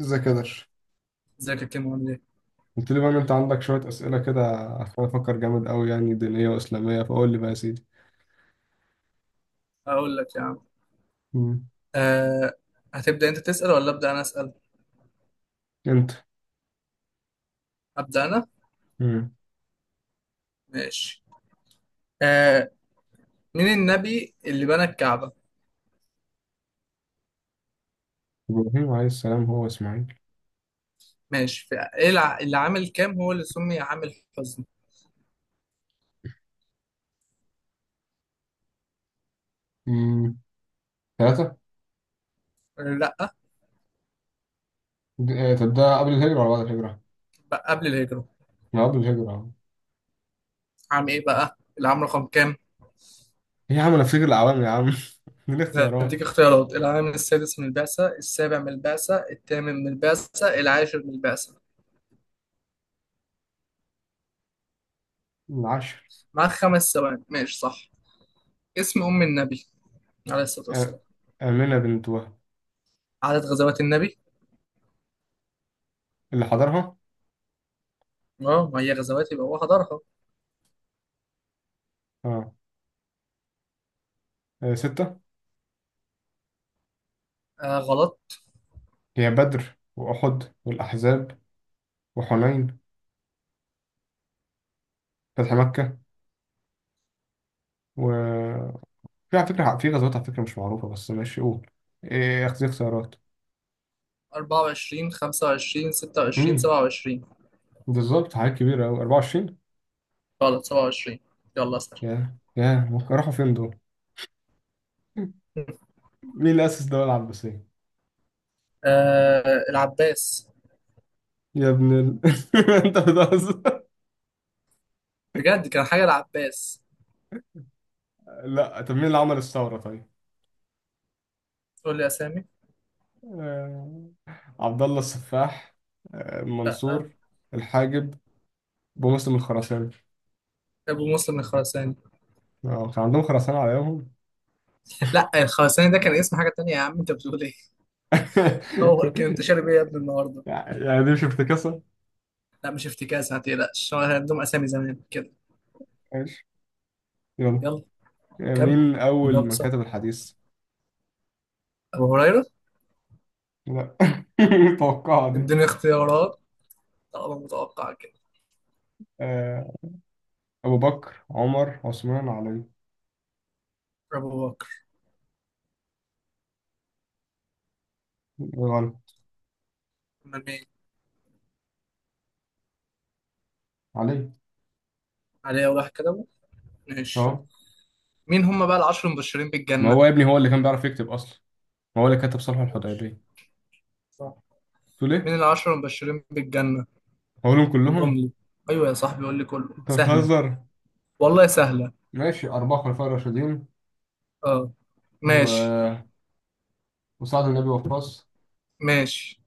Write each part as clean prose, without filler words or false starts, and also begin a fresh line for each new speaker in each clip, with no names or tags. ازيك يا درش،
ازيك يا كيمو؟ عامل ايه؟
قلت لي بقى ان انت عندك شويه اسئله كده، عشان افكر جامد قوي يعني دينيه واسلاميه، فقول لي بقى يا سيدي.
هقول لك يا عم.
مم.
أه هتبدأ انت تسأل ولا أبدأ انا أسأل؟
انت.
أبدأ انا؟
مم.
ماشي. أه مين النبي اللي بنى الكعبة؟
ابراهيم عليه السلام هو اسماعيل.
ماشي. في ايه اللي عامل كام هو اللي سمي عام الحزن؟
مم. ثلاثه.
لا.
طب ده قبل الهجره ولا بعد الهجره؟
بقى قبل الهجرة.
ما قبل الهجره أهو.
عام ايه بقى؟ العام رقم كام؟
ايه يا عم، انا فاكر العوام يا عم من
هديك
الاختيارات.
اختيارات: العام السادس من البعثة، السابع من البعثة، الثامن من البعثة، العاشر من البعثة.
العشر.
معاك خمس ثواني. ماشي، صح. اسم أم النبي عليه الصلاة
آه،
والسلام.
امنه بنت وهب.
عدد غزوات النبي.
اللي حضرها.
اه، ما هي غزوات يبقى هو حضرها.
اه. آه، سته.
آه غلط.
هي بدر واحد والاحزاب وحنين فتح مكه و... في على فكرة، في غزوات على فكرة مش معروفة بس ماشي قول. إيه أخذ خسارات.
24 25 26
امم
27.
بالظبط حاجات كبيرة أوي، 24.
غلط، 27. يلا اسأل.
يا ممكن راحوا فين دول. مين اللي أسس الدولة العباسية؟
آه، العباس.
يا ابن ال... أنت بتهزر.
بجد كان حاجة العباس.
لا طب مين اللي عمل الثورة طيب؟
تقول لي أسامي.
آه، عبد الله السفاح. آه،
لا،
منصور الحاجب. بمسلم الخراساني.
أبو مسلم الخراساني.
اه كان عندهم خراسانة على ايامهم.
لا، الخراساني ده كان اسم حاجة تانية يا عم. أنت بتقول إيه؟ هو كان، أنت شارب إيه يا ابني النهاردة؟
يعني دي مش افتكاسة.
لا مش افتكاس، ما تقلقش، هو كان عندهم أسامي زمان كده.
ماشي. يلا.
يلا.
آه،
كمل.
مين أول
جاوب
من
صح.
كتب الحديث؟
أبو هريرة.
لا متوقعة دي.
اديني اختيارات طالما متوقع كده.
آه، أبو بكر، عمر، عثمان، علي.
أبو بكر.
غلط.
أمال مين؟
علي.
علي أول واحد كده. ماشي.
أه.
مين هم بقى العشر المبشرين
ما
بالجنة؟
هو يا ابني هو اللي كان بيعرف يكتب أصلا، هو اللي كتب صلح
ماشي،
الحديبية.
صح.
تقول إيه؟
مين العشر المبشرين بالجنة؟
هقولهم
قولهم
كلهم؟
لي. ايوه يا صاحبي قول لي، كله
أنت
سهلة.
بتهزر.
والله سهلة.
ماشي، أربعة خلفاء راشدين
اه ماشي.
و... وسعد بن أبي وقاص.
ماشي.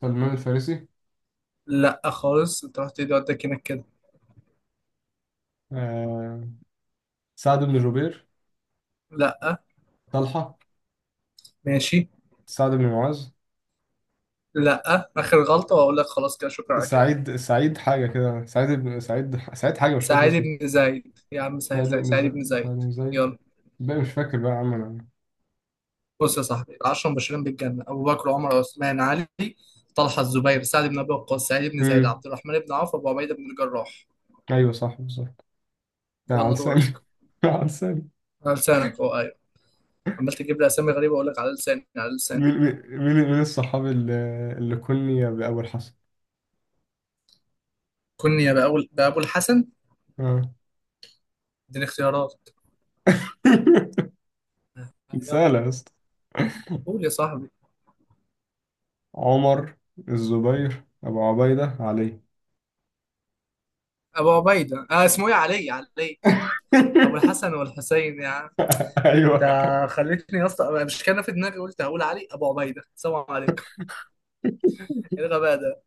سلمان الفارسي.
لا خالص، انت رحت ايدي ودك هناك كده.
آه، سعد بن جبير.
لا.
طلحة.
ماشي.
سعد بن معاذ.
لا. اخر غلطة واقول لك خلاص كده، شكرا على كده.
سعيد، سعيد حاجة كده، سعيد بن سعيد، سعيد حاجة مش فاكر
سعيد
اسمه.
بن زيد يا عم،
سعيد
سهلت عليك.
بن
سعيد
ز-
بن زيد.
سعيد بن زيد.
يلا.
بقى مش فاكر بقى يا عم انا.
بص يا صاحبي، العشرة المبشرين بالجنة: أبو بكر وعمر وعثمان علي، طلحة الزبير سعد بن أبي وقاص سعيد بن زيد
امم
عبد الرحمن بن عوف أبو عبيدة بن الجراح.
ايوه صح بالظبط. يا على
يلا
لساني
دورك.
على لساني.
على لسانك، اه ايوه. عمال تجيب لي اسامي غريبه اقول لك على لساني على لساني.
من من الصحاب اللي كني بأول حسن.
كني بقى اقول بقى ابو الحسن.
اه.
اديني اختيارات. يلا.
سهلة يا اسطى.
قول يا صاحبي.
عمر، الزبير، أبو عبيدة، علي.
ابو عبيده، اسمه ايه، علي، علي. ابو الحسن والحسين يا عم. انت
ايوه.
خليتني يا اسطى، أنا مش كان في دماغي، قلت هقول علي ابو عبيده، سلام عليكم. ايه الغباء ده؟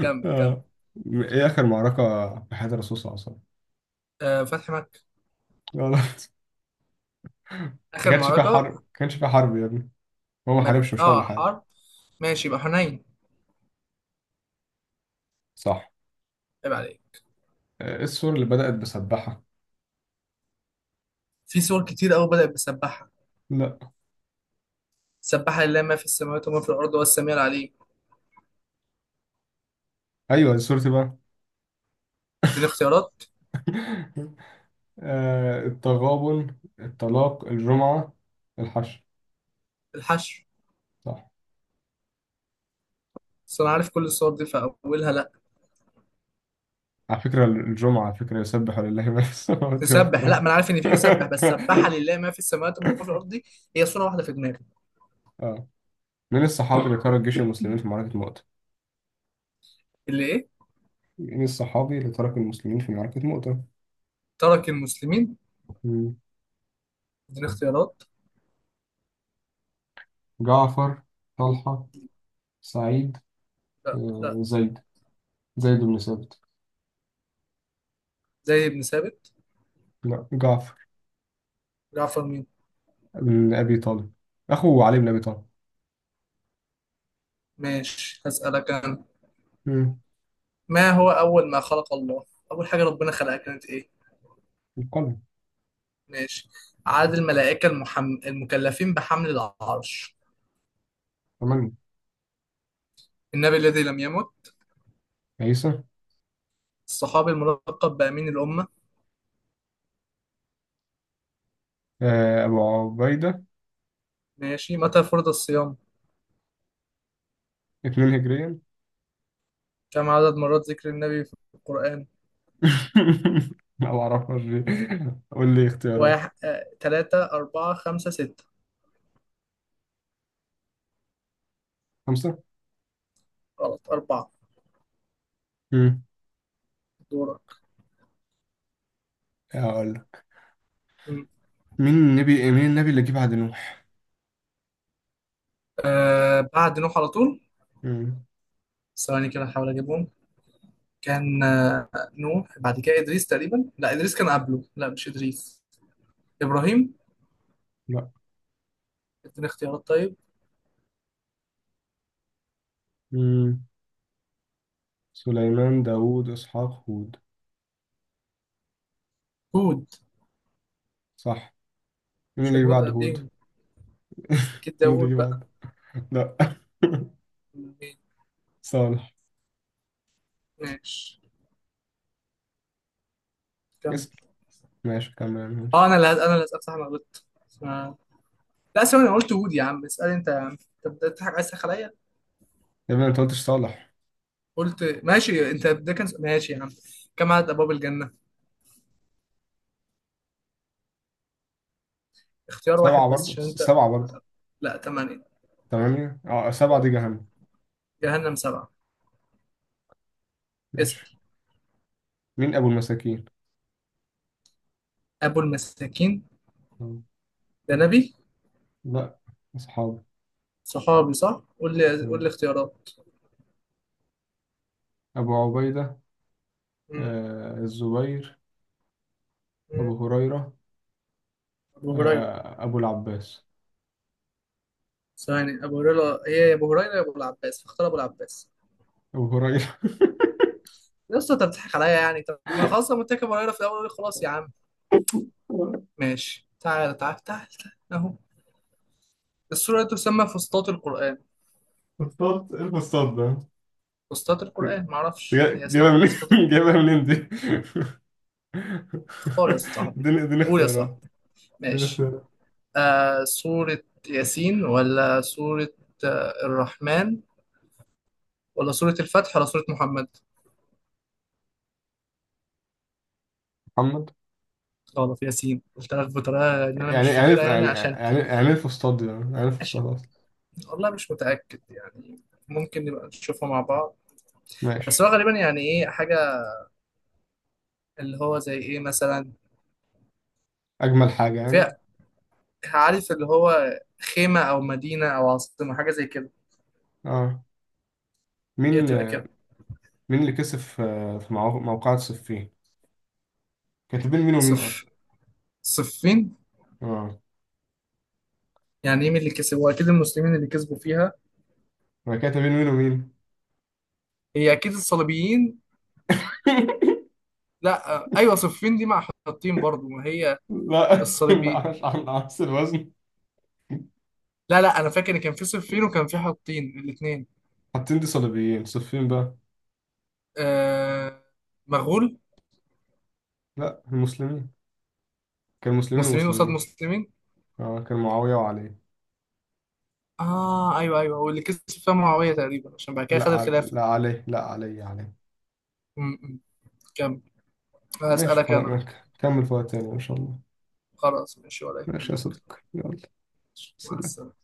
كمل كمل.
آه. ايه اخر معركة في حياة الرسول صلى الله عليه وسلم؟
آه، فتحي مكة.
غلط. ما
اخر
كانش فيها
معركه.
حرب، ما كانش فيها حرب يا ابني، هو ما حاربش، مش هو اللي
اه
حارب.
حرب. ماشي يبقى حنين.
صح.
عيب عليك.
آه، ايه السورة اللي بدأت بسبحة؟
في سور كتير قوي بدأت بسبحها.
لا
سبح لله ما في السماوات وما في الارض والسميع العليم.
ايوه، السورة دي سورتي.
اديني اختيارات.
بقى آه التغابن، الطلاق، الجمعة، الحشر.
الحشو.
صح.
بس انا عارف كل الصور دي فاولها لا.
على فكرة الجمعة، على فكرة، يسبح لله ما في السماوات
تسبح؟ لا ما
والأرض.
انا عارف ان في يسبح، بس سبح لله ما في السماوات وما في الارض دي هي صوره واحده في دماغي.
آه. من الصحابي اللي ترك جيش المسلمين في معركة مؤتة؟
اللي ايه؟
من الصحابي اللي ترك المسلمين في معركة مؤتة؟
ترك المسلمين؟
مم.
اديني اختيارات.
جعفر، طلحة، سعيد.
لا لا.
آه زيد، زيد بن ثابت.
زي ابن ثابت.
لا جعفر
جعفر مين؟
بن أبي طالب، أخو علي بن أبي طالب.
ماشي هسألك انا.
مم.
ما هو اول ما خلق الله؟ اول حاجه ربنا خلقها كانت ايه؟
القلب.
ماشي. عدد الملائكه المكلفين بحمل العرش.
ثمانية.
النبي الذي لم يمت.
عيسى.
الصحابي الملقب بأمين الأمة.
آه أبو عبيدة.
ماشي. متى فرض الصيام؟
2 هجريا.
كم عدد مرات ذكر النبي في القرآن؟
لا ما اعرفهاش دي. قول لي اختيارات.
واحد، تلاتة، أربعة، خمسة، ستة.
خمسة.
غلط، أربعة.
امم
دورة.
هقول لك.
مم.
مين النبي اللي جه بعد نوح؟
آه بعد نوح على طول.
امم
ثواني كده أحاول أجيبهم. كان نوح، بعد كده إدريس تقريبا، لا إدريس كان قبله، لا مش إدريس. إبراهيم.
لا.
اديني اختيارات طيب.
امم سليمان، داوود، اسحاق، هود.
هود.
صح. مين
عشان
اللي جه
هود
بعد هود؟
قبليهم. أكيد
مين اللي
داوود
جه
بقى.
بعد؟ لا
مين؟
صالح.
ماشي. كمل.
اسأل. ماشي كمل ماشي.
أنا اللي أسأل صح، أنا غلطت. آه. لا ثواني، أنا قلت هود يا عم، اسأل أنت يا عم. أنت بتضحك عايز تسخن عليا.
يا ابني انت قلتش صالح.
قلت ماشي انت، ده كان ماشي يا عم. كم عدد ابواب الجنه؟ اختيار
سبعة
واحد بس
برضه،
عشان انت.
سبعة برضه.
لا، ثمانيه.
تمانية، اه، سبعة
أه.
دي جهنم.
جهنم سبعه. اسال.
ماشي. مين أبو المساكين؟
ابو المساكين؟
مم.
ده نبي؟
لا. أصحابه.
صحابي صح. قول لي، قول
مم.
لي اختيارات.
أبو عبيدة.
م-
آه الزبير.
م.
أبو هريرة.
ابو هريره.
آه، أبو العباس.
ثواني، ابو هريره، هي يا ابو هريره يا ابو العباس، فاختار ابو العباس.
أبو هريرة
يا اسطى انت بتضحك عليا يعني، طب ما خلاص لما قلت لك ابو هريره في الاول خلاص يا عم. ماشي. تعال تعال تعال تعال اهو. السوره دي تسمى فسطاط القران.
مصطاد إيه، المصطاد ده؟
فسطاط القران، معرفش هي اسمها
جايبها منين؟
فسطاط.
جايبها منين دي؟
اختار يا صاحبي.
اديني
قول يا
اختيارات.
صاحبي.
اديني
ماشي.
اختيارات.
آه سورة ياسين، ولا سورة الرحمن، ولا سورة الفتح، ولا سورة محمد.
محمد.
غلط، ياسين. قلت لك بطريقة إن أنا
يعني
مش
يعني إيه-
فاكرها يعني،
يعني
عشان.
يعني يعني إيه الفسطاط دي، يعني إيه
عشان
الفسطاط أصلا؟
والله مش متأكد يعني. ممكن نبقى نشوفها مع بعض. بس
ماشي.
هو غالبا يعني إيه حاجة، اللي هو زي إيه مثلا،
أجمل حاجة
فيها،
يعني.
عارف اللي هو خيمة أو مدينة أو عاصمة، حاجة زي كده.
اه.
هي
مين
تبقى
آه،
كده.
مين اللي كسب في موقعة صفين؟ كانت بين مين ومين
صف.
أصلا؟
صفين.
اه.
يعني إيه مين اللي كسب، هو أكيد المسلمين اللي كسبوا فيها.
هي كانت بين مين ومين؟
هي اكيد الصليبيين. لا ايوه صفين دي مع حطين برضو ما هي.
لا لا،
الصليبي.
مش عن عكس الوزن.
لا لا انا فاكر ان كان في صفين وكان في حطين الاثنين.
حاطين دي صليبيين، صفين بقى.
آه، مغول.
لا المسلمين. كان مسلمين
مسلمين قصاد
ومسلمين.
مسلمين.
اه كان معاوية وعلي.
اه ايوه ايوه، واللي كسب فيها معاويه تقريبا عشان بعد كده
لا،
خد الخلافه.
لا علي، لا علي، علي.
م- م. كمل.
ماشي
هسألك
خلاص
انا.
ماشي. كمل فوق تاني ان شاء الله.
خلاص ماشي ولا
ماشي يا
يهمك.
صديقي، يلا.
مع
سلام.
السلامه.